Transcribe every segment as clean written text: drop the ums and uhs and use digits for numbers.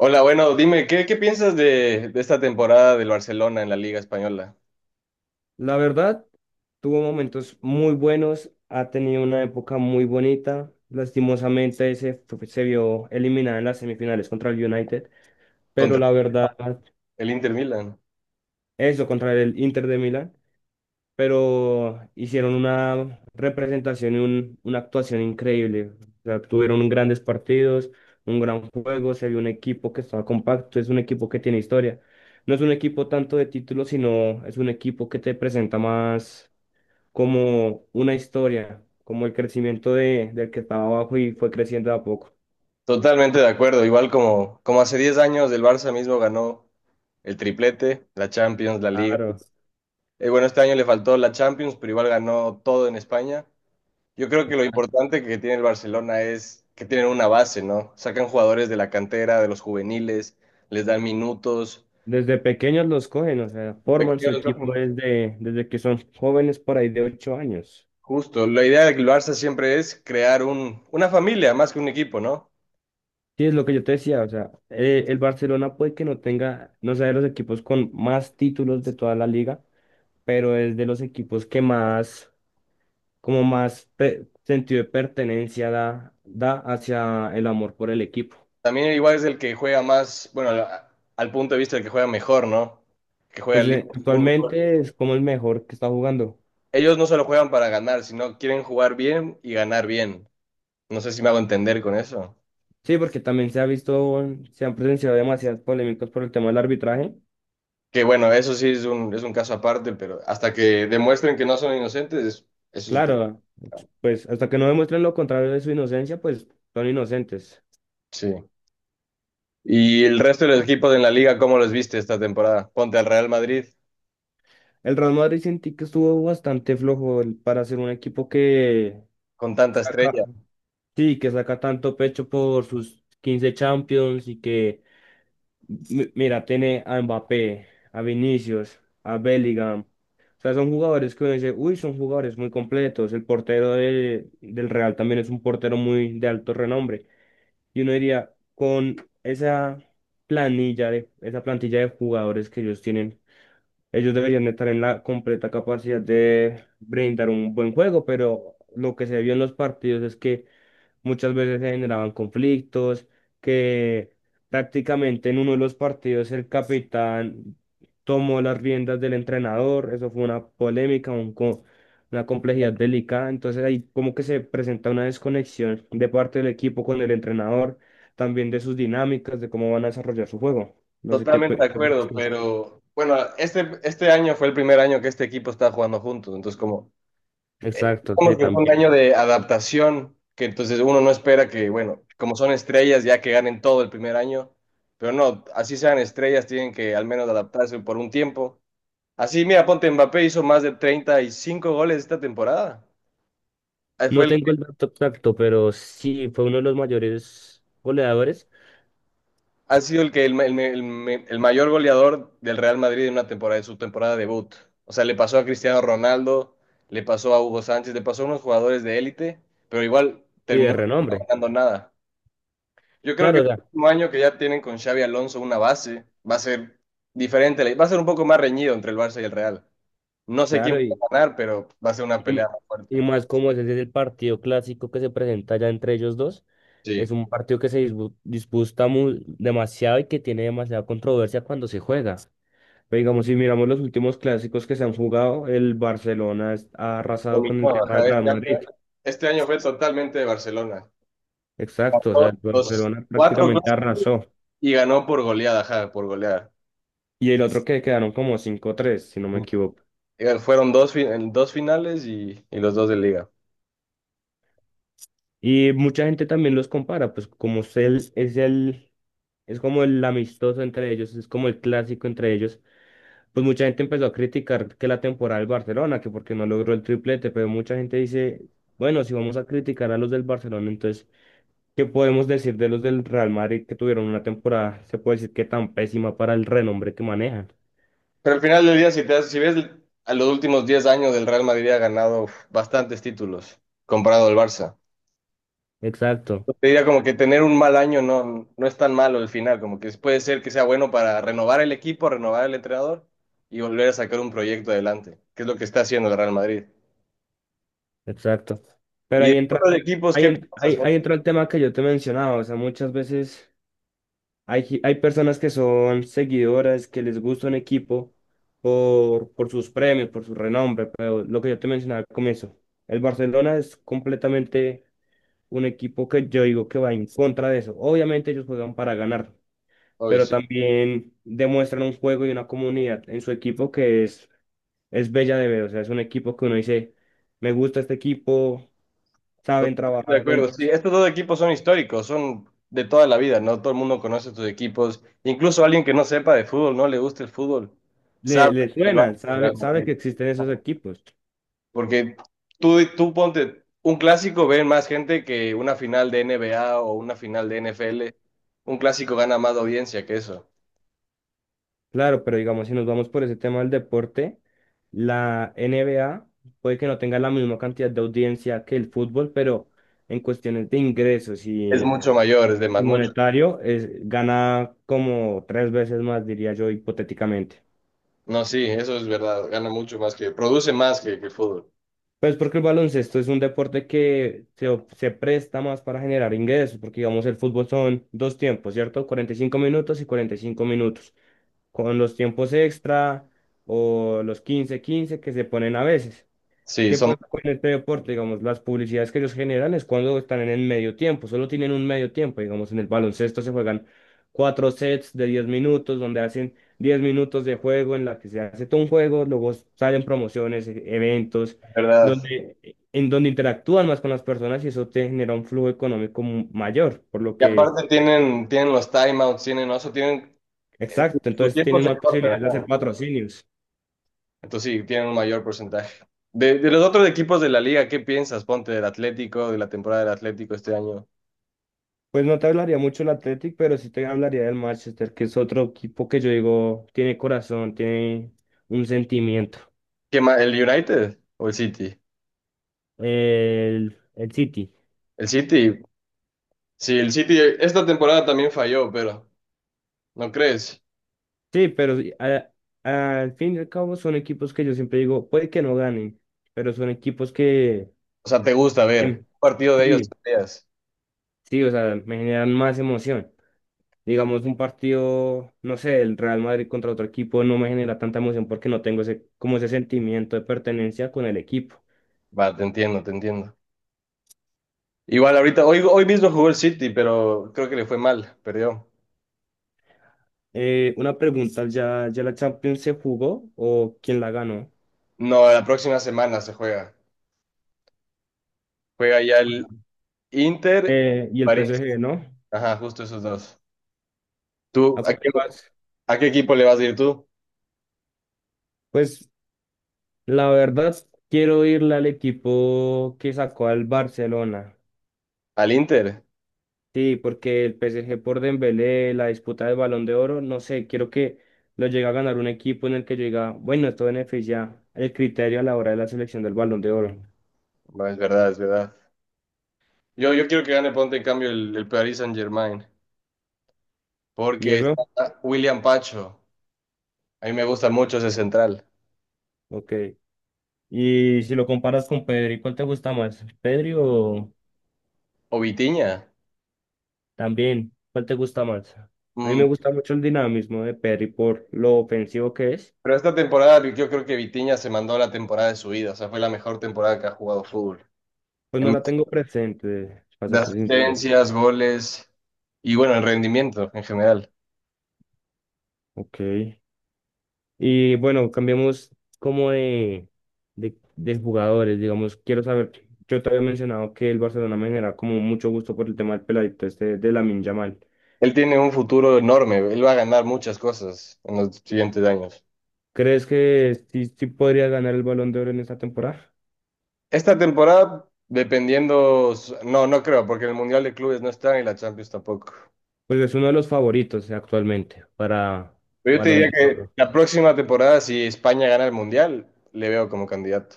Hola, bueno, dime, ¿qué piensas de esta temporada del Barcelona en la Liga Española La verdad, tuvo momentos muy buenos, ha tenido una época muy bonita. Lastimosamente se vio eliminada en las semifinales contra el United, pero contra la verdad, el Inter Milan? eso contra el Inter de Milán, pero hicieron una representación y una actuación increíble. O sea, tuvieron grandes partidos, un gran juego, se vio un equipo que estaba compacto, es un equipo que tiene historia. No es un equipo tanto de títulos, sino es un equipo que te presenta más como una historia, como el crecimiento del que estaba abajo y fue creciendo de a poco. Totalmente de acuerdo, igual como hace 10 años el Barça mismo ganó el triplete, la Champions, la Liga. Claro. Bueno, este año le faltó la Champions, pero igual ganó todo en España. Yo creo que lo importante que tiene el Barcelona es que tienen una base, ¿no? Sacan jugadores de la cantera, de los juveniles, les dan minutos. Desde pequeños los cogen, o sea, forman su Pequeños. equipo desde que son jóvenes por ahí de 8 años. Justo, la idea del Barça siempre es crear una familia más que un equipo, ¿no? Sí, es lo que yo te decía, o sea, el Barcelona puede que no tenga, no sea de los equipos con más títulos de toda la liga, pero es de los equipos que más, como más sentido de pertenencia da, da hacia el amor por el equipo. También igual es el que juega más, bueno, al punto de vista del que juega mejor, ¿no? Que juega Pues lindo fútbol. actualmente es como el mejor que está jugando. Ellos no solo juegan para ganar, sino quieren jugar bien y ganar bien. No sé si me hago entender con eso. Sí, porque también se ha visto, se han presenciado demasiadas polémicas por el tema del arbitraje. Que bueno, eso sí es un caso aparte, pero hasta que demuestren que no son inocentes, eso es un tema. Claro, pues hasta que no demuestren lo contrario de su inocencia, pues son inocentes. Sí. ¿Y el resto de los equipos en la liga, cómo los viste esta temporada? Ponte al Real Madrid El Real Madrid sentí que estuvo bastante flojo para ser un equipo que con tanta estrella. saca, sí, que saca tanto pecho por sus 15 Champions y que mira, tiene a Mbappé, a Vinicius, a Bellingham. O sea, son jugadores que uno dice, uy, son jugadores muy completos. El portero del Real también es un portero muy de alto renombre. Y uno diría, con esa esa plantilla de jugadores que ellos tienen, ellos deberían estar en la completa capacidad de brindar un buen juego, pero lo que se vio en los partidos es que muchas veces se generaban conflictos, que prácticamente en uno de los partidos el capitán tomó las riendas del entrenador, eso fue una polémica, una complejidad delicada, entonces ahí como que se presenta una desconexión de parte del equipo con el entrenador, también de sus dinámicas, de cómo van a desarrollar su juego. No sé qué... Totalmente de qué piensas acuerdo, tú. pero bueno, este año fue el primer año que este equipo está jugando juntos, entonces como, eh, Exacto, sí, como que fue un año también. de adaptación, que entonces uno no espera que, bueno, como son estrellas ya que ganen todo el primer año, pero no, así sean estrellas, tienen que al menos adaptarse por un tiempo. Así, mira, ponte Mbappé hizo más de 35 goles esta temporada. Fue No el. tengo el dato exacto, pero sí fue uno de los mayores goleadores Ha sido el que el, ma- el me- el me- el mayor goleador del Real Madrid en una temporada, en su temporada debut. O sea, le pasó a Cristiano Ronaldo, le pasó a Hugo Sánchez, le pasó a unos jugadores de élite, pero igual y de terminó no renombre. ganando nada. Yo creo que Claro, el próximo año que ya tienen con Xavi Alonso una base, va a ser diferente, va a ser un poco más reñido entre el Barça y el Real. No sé quién claro, va a ganar, pero va a ser una y, pelea más y fuerte. más como ese es el partido clásico que se presenta ya entre ellos dos, es Sí. un partido que se disputa demasiado y que tiene demasiada controversia cuando se juega. Pero digamos, si miramos los últimos clásicos que se han jugado, el Barcelona ha arrasado con el Dominó, tema del ajá, Real Madrid. este año fue totalmente de Barcelona. Exacto, o sea, el Los Barcelona cuatro. prácticamente arrasó. Y ganó por goleada, ajá, por goleada. Y el otro que quedaron como cinco tres si no me equivoco. Fueron dos, en dos finales y los dos de liga. Y mucha gente también los compara, pues como es como el amistoso entre ellos, es como el clásico entre ellos. Pues mucha gente empezó a criticar que la temporada del Barcelona, que porque no logró el triplete, pero mucha gente dice, bueno, si vamos a criticar a los del Barcelona, entonces, ¿qué podemos decir de los del Real Madrid que tuvieron una temporada, se puede decir que tan pésima para el renombre que manejan? Pero al final del día, si ves a los últimos 10 años del Real Madrid ha ganado uf, bastantes títulos comparado al Barça. Exacto, Yo Te diría como que tener un mal año no, no es tan malo el final, como que puede ser que sea bueno para renovar el equipo, renovar el entrenador y volver a sacar un proyecto adelante, que es lo que está haciendo el Real Madrid. exacto. Pero Y de ahí entra, todos los equipos, ¿qué pasa? Ahí entra el tema que yo te mencionaba, o sea, muchas veces... hay personas que son seguidoras, que les gusta un equipo por sus premios, por su renombre, pero lo que yo te mencionaba al comienzo, el Barcelona es completamente un equipo que yo digo que va en contra de eso. Obviamente ellos juegan para ganar, Obvio, pero sí. también demuestran un juego y una comunidad en su equipo que es bella de ver. O sea, es un equipo que uno dice, me gusta este equipo, saben Totalmente de trabajar acuerdo, sí, juntos, estos dos equipos son históricos, son de toda la vida, ¿no? Todo el mundo conoce estos equipos, incluso alguien que no sepa de fútbol, no le guste el fútbol, sabe le del Barça suena, del Real sabe, sabe Madrid. que existen esos equipos. Porque tú ponte un clásico, ven más gente que una final de NBA o una final de NFL un clásico gana más audiencia que eso, Claro, pero digamos, si nos vamos por ese tema del deporte, la NBA puede que no tenga la misma cantidad de audiencia que el fútbol, pero en cuestiones de es mucho mayor, es de y más, mucho, monetario, es, gana como tres veces más, diría yo, hipotéticamente. no, sí, eso es verdad, gana mucho más que, produce más que el fútbol, Pues porque el baloncesto es un deporte que se presta más para generar ingresos, porque digamos, el fútbol son dos tiempos, ¿cierto? 45 minutos y 45 minutos, con los tiempos extra o los quince quince que se ponen a veces. sí, ¿Qué son pasa con este deporte? Digamos, las publicidades que ellos generan es cuando están en el medio tiempo, solo tienen un medio tiempo. Digamos, en el baloncesto se juegan 4 sets de 10 minutos, donde hacen 10 minutos de juego en la que se hace todo un juego, luego salen promociones, eventos, de verdad. donde, en donde interactúan más con las personas y eso te genera un flujo económico mayor, por lo Y que, aparte tienen, tienen los timeouts, tienen, eso, tienen exacto, su entonces tiempo tienen se más corta. posibilidades de hacer patrocinios. Entonces sí, tienen un mayor porcentaje. De los otros equipos de la liga, ¿qué piensas? Ponte del Atlético, de la temporada del Atlético este año. Pues no te hablaría mucho del Athletic, pero sí te hablaría del Manchester, que es otro equipo que yo digo tiene corazón, tiene un sentimiento. ¿Qué más? ¿El United o el City? El City. El City, sí, el City esta temporada también falló, pero ¿no crees? Sí, pero sí, al fin y al cabo son equipos que yo siempre digo, puede que no ganen, pero son equipos que O sea, te gusta ver em, un partido de ellos. sí, Peleas. sí, o sea, me generan más emoción. Digamos, un partido, no sé, el Real Madrid contra otro equipo no me genera tanta emoción porque no tengo ese, como ese sentimiento de pertenencia con el equipo. Va, te entiendo, te entiendo. Igual ahorita, hoy mismo jugó el City, pero creo que le fue mal, perdió. Una pregunta, ya la Champions se jugó o quién la ganó? No, la próxima semana se juega. Juega ya el Inter, Y el París. PSG, ¿no? Ajá, justo esos dos. ¿Tú ¿A a cuál le vas? a qué equipo le vas a ir tú? Pues la verdad, quiero irle al equipo que sacó al Barcelona. ¿Al Inter? Sí, porque el PSG por Dembélé, la disputa del Balón de Oro, no sé, quiero que lo llegue a ganar un equipo en el que yo diga, bueno, esto beneficia el criterio a la hora de la selección del Balón de Oro. No, es verdad, es verdad. Yo quiero que gane, ponte en cambio el Paris Saint-Germain, ¿Y porque eso? está William Pacho. A mí me gusta mucho ese central. Ok. Y si lo comparas con Pedri, ¿cuál te gusta más? ¿Pedri o, O Vitinha. también, ¿cuál te gusta más? A mí me Mm, gusta mucho el dinamismo de Perry por lo ofensivo que es. pero esta temporada yo creo que Vitinha se mandó la temporada de su vida. O sea, fue la mejor temporada que ha jugado fútbol. Pues no En la tengo presente, para de ser sincero. asistencias, goles y bueno, en rendimiento en general. Ok. Y bueno, cambiamos como de jugadores, digamos. Quiero saber, yo te había mencionado que el Barcelona me genera como mucho gusto por el tema del peladito este de Lamine Yamal. Él tiene un futuro enorme. Él va a ganar muchas cosas en los siguientes años. ¿Crees que sí, sí podría ganar el Balón de Oro en esta temporada? Esta temporada, dependiendo, s- no, no creo, porque el Mundial de Clubes no está y la Champions tampoco. Pues es uno de los favoritos actualmente para Pero yo te Balón diría de que Oro. la próxima temporada, si España gana el Mundial, le veo como candidato.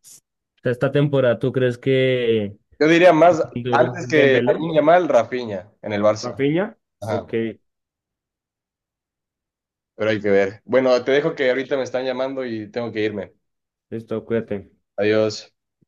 Esta esta temporada, ¿tú crees que Yo diría más duro antes que Dembélé, Lamine Yamal, Rafinha en el Barça. Rafinha? Ajá, Ok, pero hay que ver. Bueno, te dejo que ahorita me están llamando y tengo que irme. listo, cuídate. Adiós.